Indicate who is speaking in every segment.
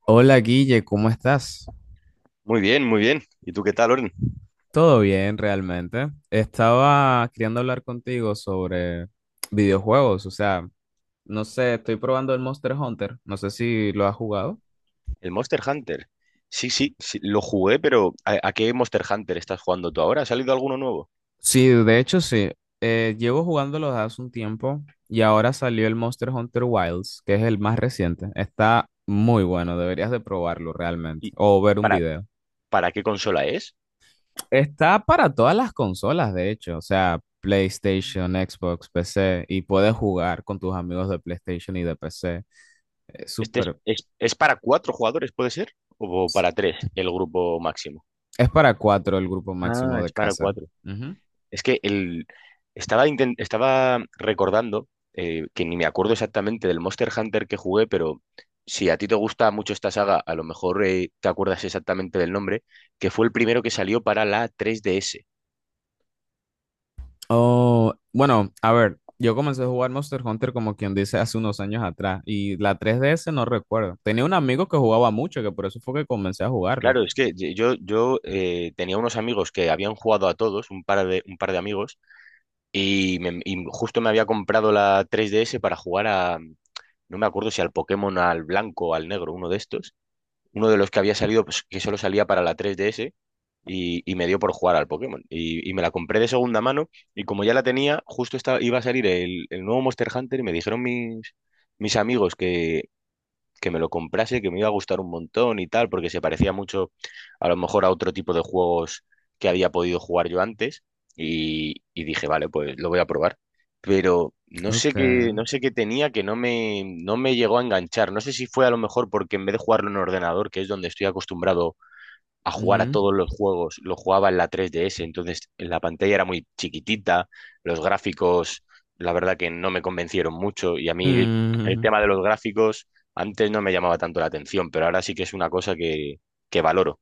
Speaker 1: Hola Guille, ¿cómo estás?
Speaker 2: Muy bien, muy bien. ¿Y tú qué tal, Oren?
Speaker 1: Todo bien, realmente. Estaba queriendo hablar contigo sobre videojuegos, o sea, no sé, estoy probando el Monster Hunter, no sé si lo has jugado.
Speaker 2: El Monster Hunter. Sí, sí, sí, lo jugué, pero ¿a qué Monster Hunter estás jugando tú ahora? ¿Ha salido alguno nuevo?
Speaker 1: Sí, de hecho sí, llevo jugándolo desde hace un tiempo y ahora salió el Monster Hunter Wilds, que es el más reciente. Está muy bueno, deberías de probarlo realmente
Speaker 2: ¿Y
Speaker 1: o ver un
Speaker 2: para,
Speaker 1: video.
Speaker 2: para qué consola es?
Speaker 1: Está para todas las consolas, de hecho, o sea, PlayStation, Xbox, PC, y puedes jugar con tus amigos de PlayStation y de PC. Es
Speaker 2: ¿Este es,
Speaker 1: súper.
Speaker 2: es, es para cuatro jugadores, puede ser? ¿O para tres, el grupo máximo?
Speaker 1: Es para cuatro el grupo
Speaker 2: Ah,
Speaker 1: máximo de
Speaker 2: es para
Speaker 1: casa.
Speaker 2: cuatro.
Speaker 1: Ujú.
Speaker 2: Es que estaba recordando, que ni me acuerdo exactamente del Monster Hunter que jugué, pero si a ti te gusta mucho esta saga, a lo mejor te acuerdas exactamente del nombre, que fue el primero que salió para la 3DS.
Speaker 1: Oh, bueno, a ver, yo comencé a jugar Monster Hunter como quien dice hace unos años atrás, y la 3DS no recuerdo. Tenía un amigo que jugaba mucho, que por eso fue que comencé a jugarlo.
Speaker 2: Claro, es que ye- yo tenía unos amigos que habían jugado a todos, un par de amigos, y justo me había comprado la 3DS para jugar a, no me acuerdo si al Pokémon, al blanco o al negro, uno de estos, uno de los que había salido, pues, que solo salía para la 3DS, y me dio por jugar al Pokémon. Y me la compré de segunda mano y como ya la tenía, justo iba a salir el nuevo Monster Hunter y me dijeron mis amigos que me lo comprase, que me iba a gustar un montón y tal, porque se parecía mucho a lo mejor a otro tipo de juegos que había podido jugar yo antes. Y dije, vale, pues lo voy a probar. Pero no sé
Speaker 1: Ok.
Speaker 2: qué, no sé qué tenía que no me llegó a enganchar. No sé si fue a lo mejor porque en vez de jugarlo en ordenador, que es donde estoy acostumbrado a jugar a
Speaker 1: Ujú.
Speaker 2: todos los juegos. Lo jugaba en la 3DS, entonces en la pantalla era muy chiquitita, los gráficos, la verdad que no me convencieron mucho y a mí el
Speaker 1: Mm,
Speaker 2: tema de los gráficos antes no me llamaba tanto la atención, pero ahora sí que es una cosa que valoro.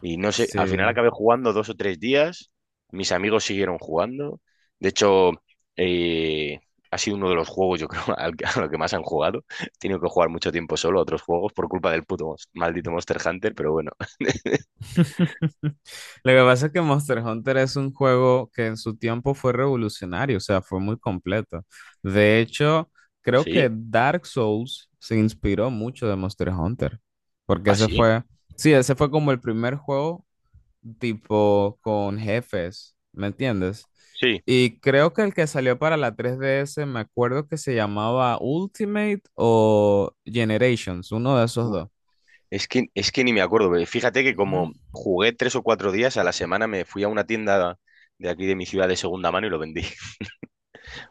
Speaker 2: Y no sé, al final
Speaker 1: sí.
Speaker 2: acabé jugando 2 o 3 días, mis amigos siguieron jugando, de hecho. eh, Ha sido uno de los juegos, yo creo, a lo que más han jugado. He tenido que jugar mucho tiempo solo a otros juegos por culpa del maldito Monster Hunter, pero bueno,
Speaker 1: Lo que pasa es que Monster Hunter es un juego que en su tiempo fue revolucionario, o sea, fue muy completo. De hecho, creo que
Speaker 2: sí.
Speaker 1: Dark Souls se inspiró mucho de Monster Hunter, porque
Speaker 2: ¿Ah,
Speaker 1: ese
Speaker 2: sí?
Speaker 1: fue, sí, ese fue como el primer juego tipo con jefes, ¿me entiendes?
Speaker 2: Sí.
Speaker 1: Y creo que el que salió para la 3DS, me acuerdo que se llamaba Ultimate o Generations, uno de esos
Speaker 2: Uf,
Speaker 1: dos.
Speaker 2: es que ni me acuerdo, pero fíjate que
Speaker 1: Ujú.
Speaker 2: como jugué 3 o 4 días a la semana, me fui a una tienda de aquí de mi ciudad de segunda mano y lo vendí.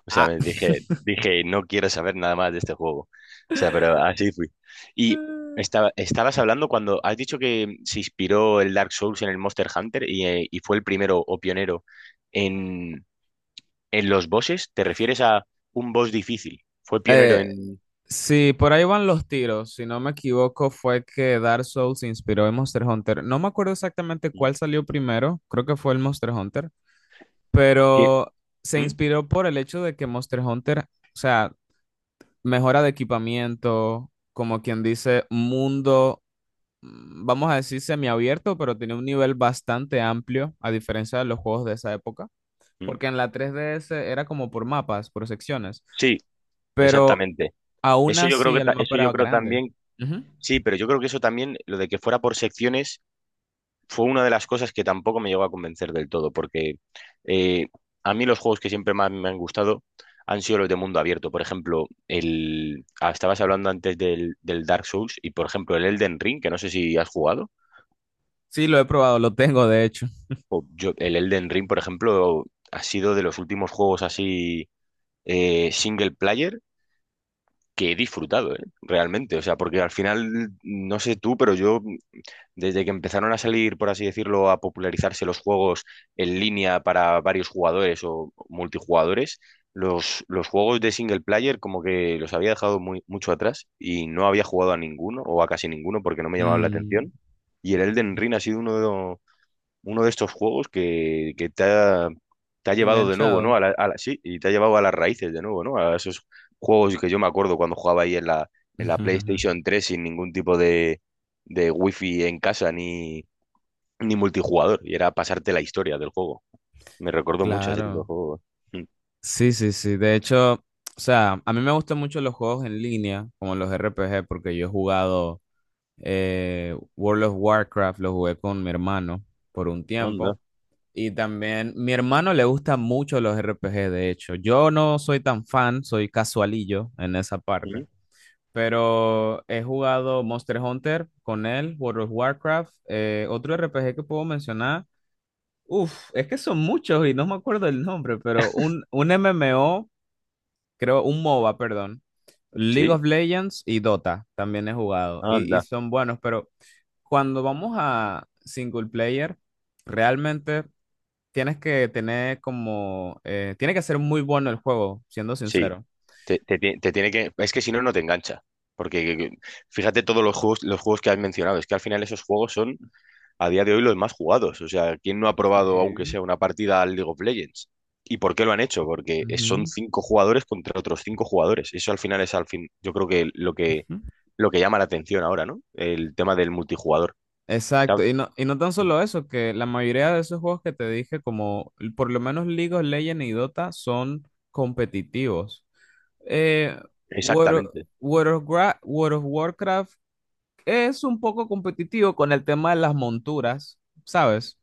Speaker 2: O sea,
Speaker 1: Ah,
Speaker 2: dije, no quiero saber nada más de este juego. O sea, pero así fui. Y estabas hablando cuando has dicho que se inspiró el Dark Souls en el Monster Hunter y fue el primero o pionero en, en los bosses. ¿Te refieres a un boss difícil? Fue pionero
Speaker 1: eh,
Speaker 2: en.
Speaker 1: sí, por ahí van los tiros. Si no me equivoco, fue que Dark Souls se inspiró en Monster Hunter. No me acuerdo exactamente cuál salió primero, creo que fue el Monster Hunter,
Speaker 2: ¿Qué?
Speaker 1: pero se
Speaker 2: ¿Mm?
Speaker 1: inspiró por el hecho de que Monster Hunter, o sea, mejora de equipamiento, como quien dice, mundo, vamos a decir semiabierto, pero tiene un nivel bastante amplio, a diferencia de los juegos de esa época,
Speaker 2: ¿Mm?
Speaker 1: porque en la 3DS era como por mapas, por secciones,
Speaker 2: Sí,
Speaker 1: pero
Speaker 2: exactamente.
Speaker 1: aún
Speaker 2: Eso yo creo
Speaker 1: así
Speaker 2: que
Speaker 1: el
Speaker 2: ta-
Speaker 1: mapa
Speaker 2: eso yo
Speaker 1: era
Speaker 2: creo
Speaker 1: grande.
Speaker 2: también,
Speaker 1: Ujú.
Speaker 2: sí, pero yo creo que eso también, lo de que fuera por secciones, fue una de las cosas que tampoco me llegó a convencer del todo, porque eh, a mí los juegos que siempre más me han gustado han sido los de mundo abierto. Por ejemplo, estabas hablando antes del Dark Souls y por ejemplo el Elden Ring, que no sé si has jugado.
Speaker 1: Sí, lo he probado, lo tengo de hecho.
Speaker 2: O yo, el Elden Ring, por ejemplo, ha sido de los últimos juegos así single player que he disfrutado, ¿eh? Realmente. O sea, porque al final, no sé tú, pero yo desde que empezaron a salir, por así decirlo, a popularizarse los juegos en línea para varios jugadores o multijugadores, los juegos de single player como que los había dejado muy, mucho atrás y no había jugado a ninguno o a casi ninguno porque no me llamaban la
Speaker 1: Mm,
Speaker 2: atención. Y el Elden Ring ha sido uno de estos juegos que te ha llevado de nuevo, ¿no?
Speaker 1: Enganchado.
Speaker 2: Sí, y te ha llevado a las raíces de nuevo, ¿no? A esos juegos que yo me acuerdo cuando jugaba ahí en la, PlayStation 3 sin ningún tipo de wifi en casa ni multijugador. Y era pasarte la historia del juego. Me recuerdo mucho a ese tipo de
Speaker 1: Claro.
Speaker 2: juegos. Mm.
Speaker 1: Sí, sí, sí. De hecho, o sea, a mí me gustan mucho los juegos en línea, como los RPG porque yo he jugado World of Warcraft, lo jugué con mi hermano por un
Speaker 2: Anda.
Speaker 1: tiempo. Y también mi hermano le gustan mucho los RPG. De hecho. Yo no soy tan fan, soy casualillo en esa parte.
Speaker 2: Mm.
Speaker 1: Pero he jugado Monster Hunter con él, World of Warcraft, otro RPG que puedo mencionar. Uf, es que son muchos y no me acuerdo el nombre, pero un MMO creo, un MOBA, perdón. League
Speaker 2: Sí,
Speaker 1: of Legends y Dota también he jugado y
Speaker 2: anda.
Speaker 1: son buenos, pero cuando vamos a single player, realmente tienes que tener como, tiene que ser muy bueno el juego, siendo
Speaker 2: Sí.
Speaker 1: sincero.
Speaker 2: Te tiene que. Es que si no, no te engancha. Porque que- que- Fíjate todos los juegos que has mencionado. Es que al final esos juegos son a día de hoy los más jugados. O sea, ¿quién no ha probado, aunque
Speaker 1: Sí.
Speaker 2: sea una partida al League of Legends? ¿Y por qué lo han hecho? Porque son
Speaker 1: Ujú.
Speaker 2: cinco jugadores contra otros cinco jugadores. Eso al final es al fin. Yo creo que lo que llama la atención ahora, ¿no? El tema del multijugador. ¿Sabes?
Speaker 1: Exacto, y no tan solo eso, que la mayoría de esos juegos que te dije, como l- por lo menos League of Legends y Dota, son competitivos. Eh, World of,
Speaker 2: Exactamente.
Speaker 1: World of Warcraft es un poco competitivo con el tema de las monturas, ¿sabes?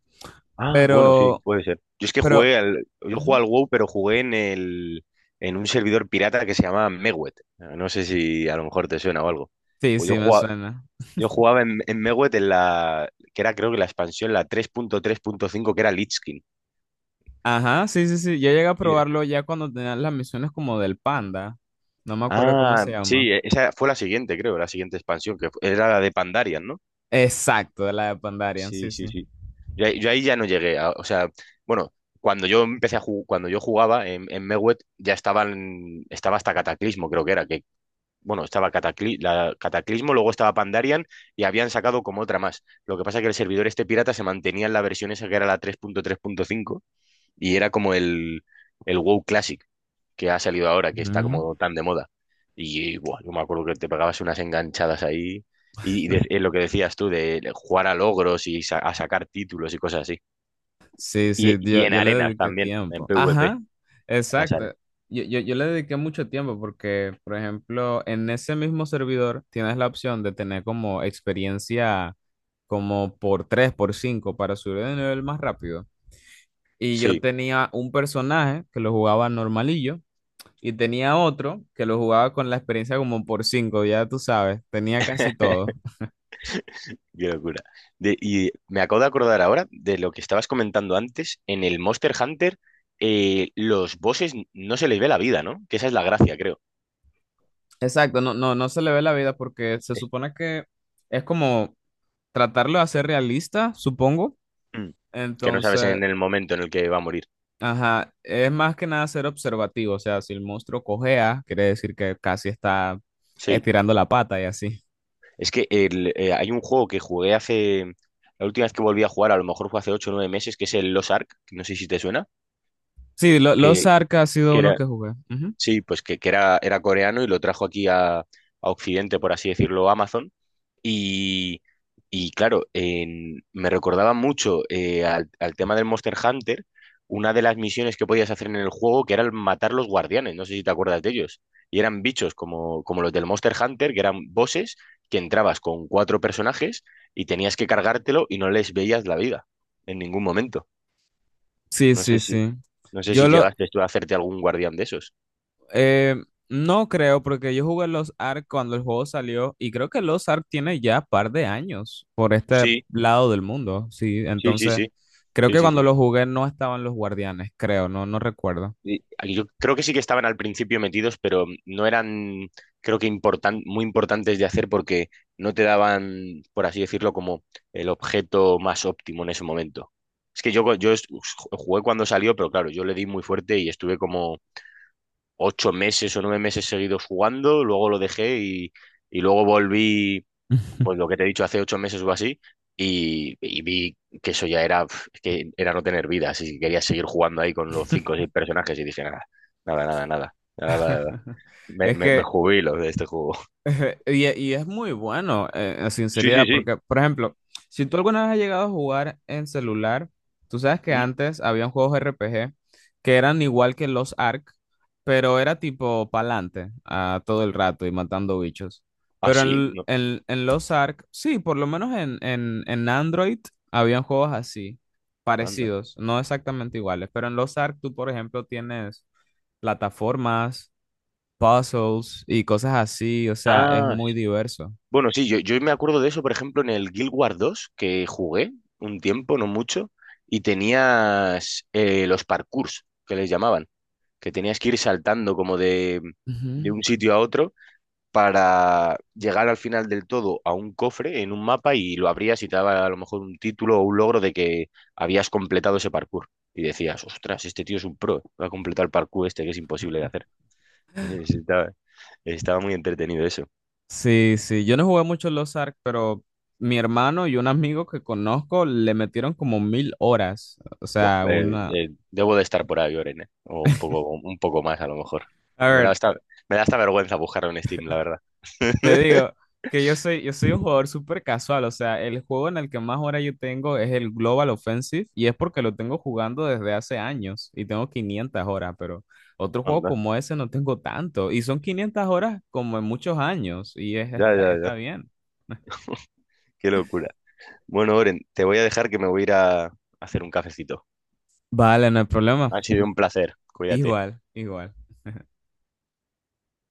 Speaker 2: Ah, bueno, sí,
Speaker 1: Pero,
Speaker 2: puede ser. Yo es que
Speaker 1: pero,
Speaker 2: jugué al, yo jugué al
Speaker 1: Ujú.
Speaker 2: WoW, pero jugué en un servidor pirata que se llama Mewet. No sé si a lo mejor te suena o algo.
Speaker 1: Sí,
Speaker 2: Pues Yo
Speaker 1: sí, me
Speaker 2: jugaba,
Speaker 1: suena.
Speaker 2: yo jugaba en Mewet que era creo que la expansión, la 3.3.5 que era Lich King.
Speaker 1: Ajá, sí, sí, sí, yo llegué a
Speaker 2: Y-
Speaker 1: probarlo ya cuando tenían las misiones como del panda, no me acuerdo cómo
Speaker 2: Ah,
Speaker 1: se
Speaker 2: sí,
Speaker 1: llama.
Speaker 2: esa fue la siguiente, creo, la siguiente expansión, era la de Pandarian, ¿no?
Speaker 1: Exacto, de la de Pandarian, sí,
Speaker 2: Sí,
Speaker 1: sí.
Speaker 2: sí, sí. Yo ahí ya no llegué. O sea, bueno, cuando yo empecé a jugar, cuando yo jugaba en Mewet ya estaba hasta Cataclismo, creo que era, bueno, estaba Cataclismo, luego estaba Pandarian y habían sacado como otra más. Lo que pasa es que el servidor este pirata se mantenía en la versión esa que era la 3.3.5 y era como el WoW Classic que ha salido ahora, que está
Speaker 1: Ujú.
Speaker 2: como tan de moda. Y buah, yo me acuerdo que te pegabas unas enganchadas ahí. Y lo que decías tú, de jugar a logros y a sacar títulos y cosas así.
Speaker 1: Sí,
Speaker 2: Y,
Speaker 1: sí,
Speaker 2: y
Speaker 1: yo,
Speaker 2: en
Speaker 1: yo le
Speaker 2: arenas
Speaker 1: dediqué
Speaker 2: también, en
Speaker 1: tiempo.
Speaker 2: PvP,
Speaker 1: Ajá,
Speaker 2: las
Speaker 1: exacto.
Speaker 2: arenas.
Speaker 1: Yo le dediqué mucho tiempo porque, por ejemplo, en ese mismo servidor tienes la opción de tener como experiencia como por 3, por 5 para subir de nivel más rápido. Y yo
Speaker 2: Sí,
Speaker 1: tenía un personaje que lo jugaba normalillo y tenía otro que lo jugaba con la experiencia como por 5. Ya tú sabes, tenía casi todo.
Speaker 2: qué locura. Y me acabo de acordar ahora de lo que estabas comentando antes. En el Monster Hunter, los bosses no se les ve la vida, ¿no? Que esa es la gracia, creo.
Speaker 1: Exacto, no, no, no se le ve la vida porque se
Speaker 2: Es-
Speaker 1: supone que es como tratarlo de hacer realista, supongo.
Speaker 2: Mm. Que no sabes
Speaker 1: Entonces,
Speaker 2: en el momento en el que va a morir.
Speaker 1: ajá, es más que nada ser observativo. O sea, si el monstruo cojea, quiere decir que casi está
Speaker 2: Sí.
Speaker 1: estirando la pata y así.
Speaker 2: Es que hay un juego que jugué hace. La última vez que volví a jugar, a lo mejor fue hace ocho o 9 meses, que es el Lost Ark. No sé si te suena.
Speaker 1: Sí, lo- los
Speaker 2: Que,
Speaker 1: Arca ha sido
Speaker 2: que
Speaker 1: uno
Speaker 2: era,
Speaker 1: que jugué. Ujú.
Speaker 2: sí, pues que era coreano y lo trajo aquí a Occidente, por así decirlo, Amazon. Y, y claro, me recordaba mucho al tema del Monster Hunter, una de las misiones que podías hacer en el juego, que era el matar los guardianes, no sé si te acuerdas de ellos. Y eran bichos como los del Monster Hunter, que eran bosses que entrabas con cuatro personajes y tenías que cargártelo y no les veías la vida en ningún momento.
Speaker 1: Sí,
Speaker 2: No
Speaker 1: sí,
Speaker 2: sé si,
Speaker 1: sí.
Speaker 2: no sé
Speaker 1: Yo
Speaker 2: si
Speaker 1: lo
Speaker 2: llegaste tú a hacerte algún guardián de esos.
Speaker 1: eh, no creo, porque yo jugué los Ark cuando el juego salió, y creo que los Ark tiene ya par de años por este
Speaker 2: Sí,
Speaker 1: lado del mundo. Sí,
Speaker 2: sí, sí,
Speaker 1: entonces
Speaker 2: sí.
Speaker 1: creo
Speaker 2: Sí,
Speaker 1: que
Speaker 2: sí,
Speaker 1: cuando
Speaker 2: sí.
Speaker 1: lo jugué no estaban los guardianes, creo, no, no recuerdo.
Speaker 2: Y aquí yo creo que sí que estaban al principio metidos, pero no eran, creo que muy importantes de hacer porque no te daban, por así decirlo, como el objeto más óptimo en ese momento. Es que jugué cuando salió, pero claro, yo le di muy fuerte y estuve como 8 meses o 9 meses seguidos jugando, luego lo dejé y luego volví, pues lo que te he dicho, hace 8 meses o así, y vi que eso ya era, pf, es que era no tener vida, así que quería seguir jugando ahí con los cinco o seis personajes y dije, nada, nada, nada, nada, nada, nada, nada. Me,
Speaker 1: Es
Speaker 2: me, me
Speaker 1: que,
Speaker 2: jubilo de este juego.
Speaker 1: y es muy bueno, en
Speaker 2: Sí, sí,
Speaker 1: sinceridad,
Speaker 2: sí.
Speaker 1: porque, por ejemplo, si tú alguna vez has llegado a jugar en celular, tú sabes que
Speaker 2: Ujú.
Speaker 1: antes habían juegos RPG que eran igual que los Ark, pero era tipo pa'lante a todo el rato y matando bichos.
Speaker 2: Ah,
Speaker 1: Pero
Speaker 2: sí,
Speaker 1: en,
Speaker 2: no,
Speaker 1: en, en los Ark, sí, por lo menos en Android habían juegos así,
Speaker 2: anda.
Speaker 1: parecidos, no exactamente iguales, pero en los Ark tú, por ejemplo, tienes plataformas puzzles y cosas así, o sea, es
Speaker 2: Ah,
Speaker 1: muy diverso.
Speaker 2: bueno, sí, yo me acuerdo de eso, por ejemplo, en el Guild Wars 2 que jugué un tiempo, no mucho, y tenías los parkours, que les llamaban, que tenías que ir saltando como de
Speaker 1: Ujú.
Speaker 2: un sitio a otro para llegar al final del todo a un cofre en un mapa y lo abrías y te daba a lo mejor un título o un logro de que habías completado ese parkour. Y decías, ostras, este tío es un pro, va a completar el parkour este que es imposible de hacer. Estaba, estaba muy entretenido eso.
Speaker 1: Sí, sí, yo no jugué mucho Los Ark, pero mi hermano y un amigo que conozco le metieron como 1.000 horas, o
Speaker 2: Buah,
Speaker 1: sea, una...
Speaker 2: debo de estar por ahí, Oren, o un poco más a lo mejor.
Speaker 1: A
Speaker 2: Me da
Speaker 1: ver,
Speaker 2: hasta, me da hasta vergüenza buscarlo en Steam, la verdad.
Speaker 1: te digo que yo soy un jugador súper casual, o sea, el juego en el que más horas yo tengo es el Global Offensive y es porque lo tengo jugando desde hace años y tengo 500 horas, pero otro juego
Speaker 2: Anda.
Speaker 1: como ese no tengo tanto y son 500 horas como en muchos años y es,
Speaker 2: Ya,
Speaker 1: está,
Speaker 2: ya,
Speaker 1: está
Speaker 2: ya.
Speaker 1: bien.
Speaker 2: Qué locura. Bueno, Oren, te voy a dejar que me voy a ir a hacer un cafecito.
Speaker 1: Vale, no hay problema.
Speaker 2: Ha sido un placer. Cuídate.
Speaker 1: Igual, igual.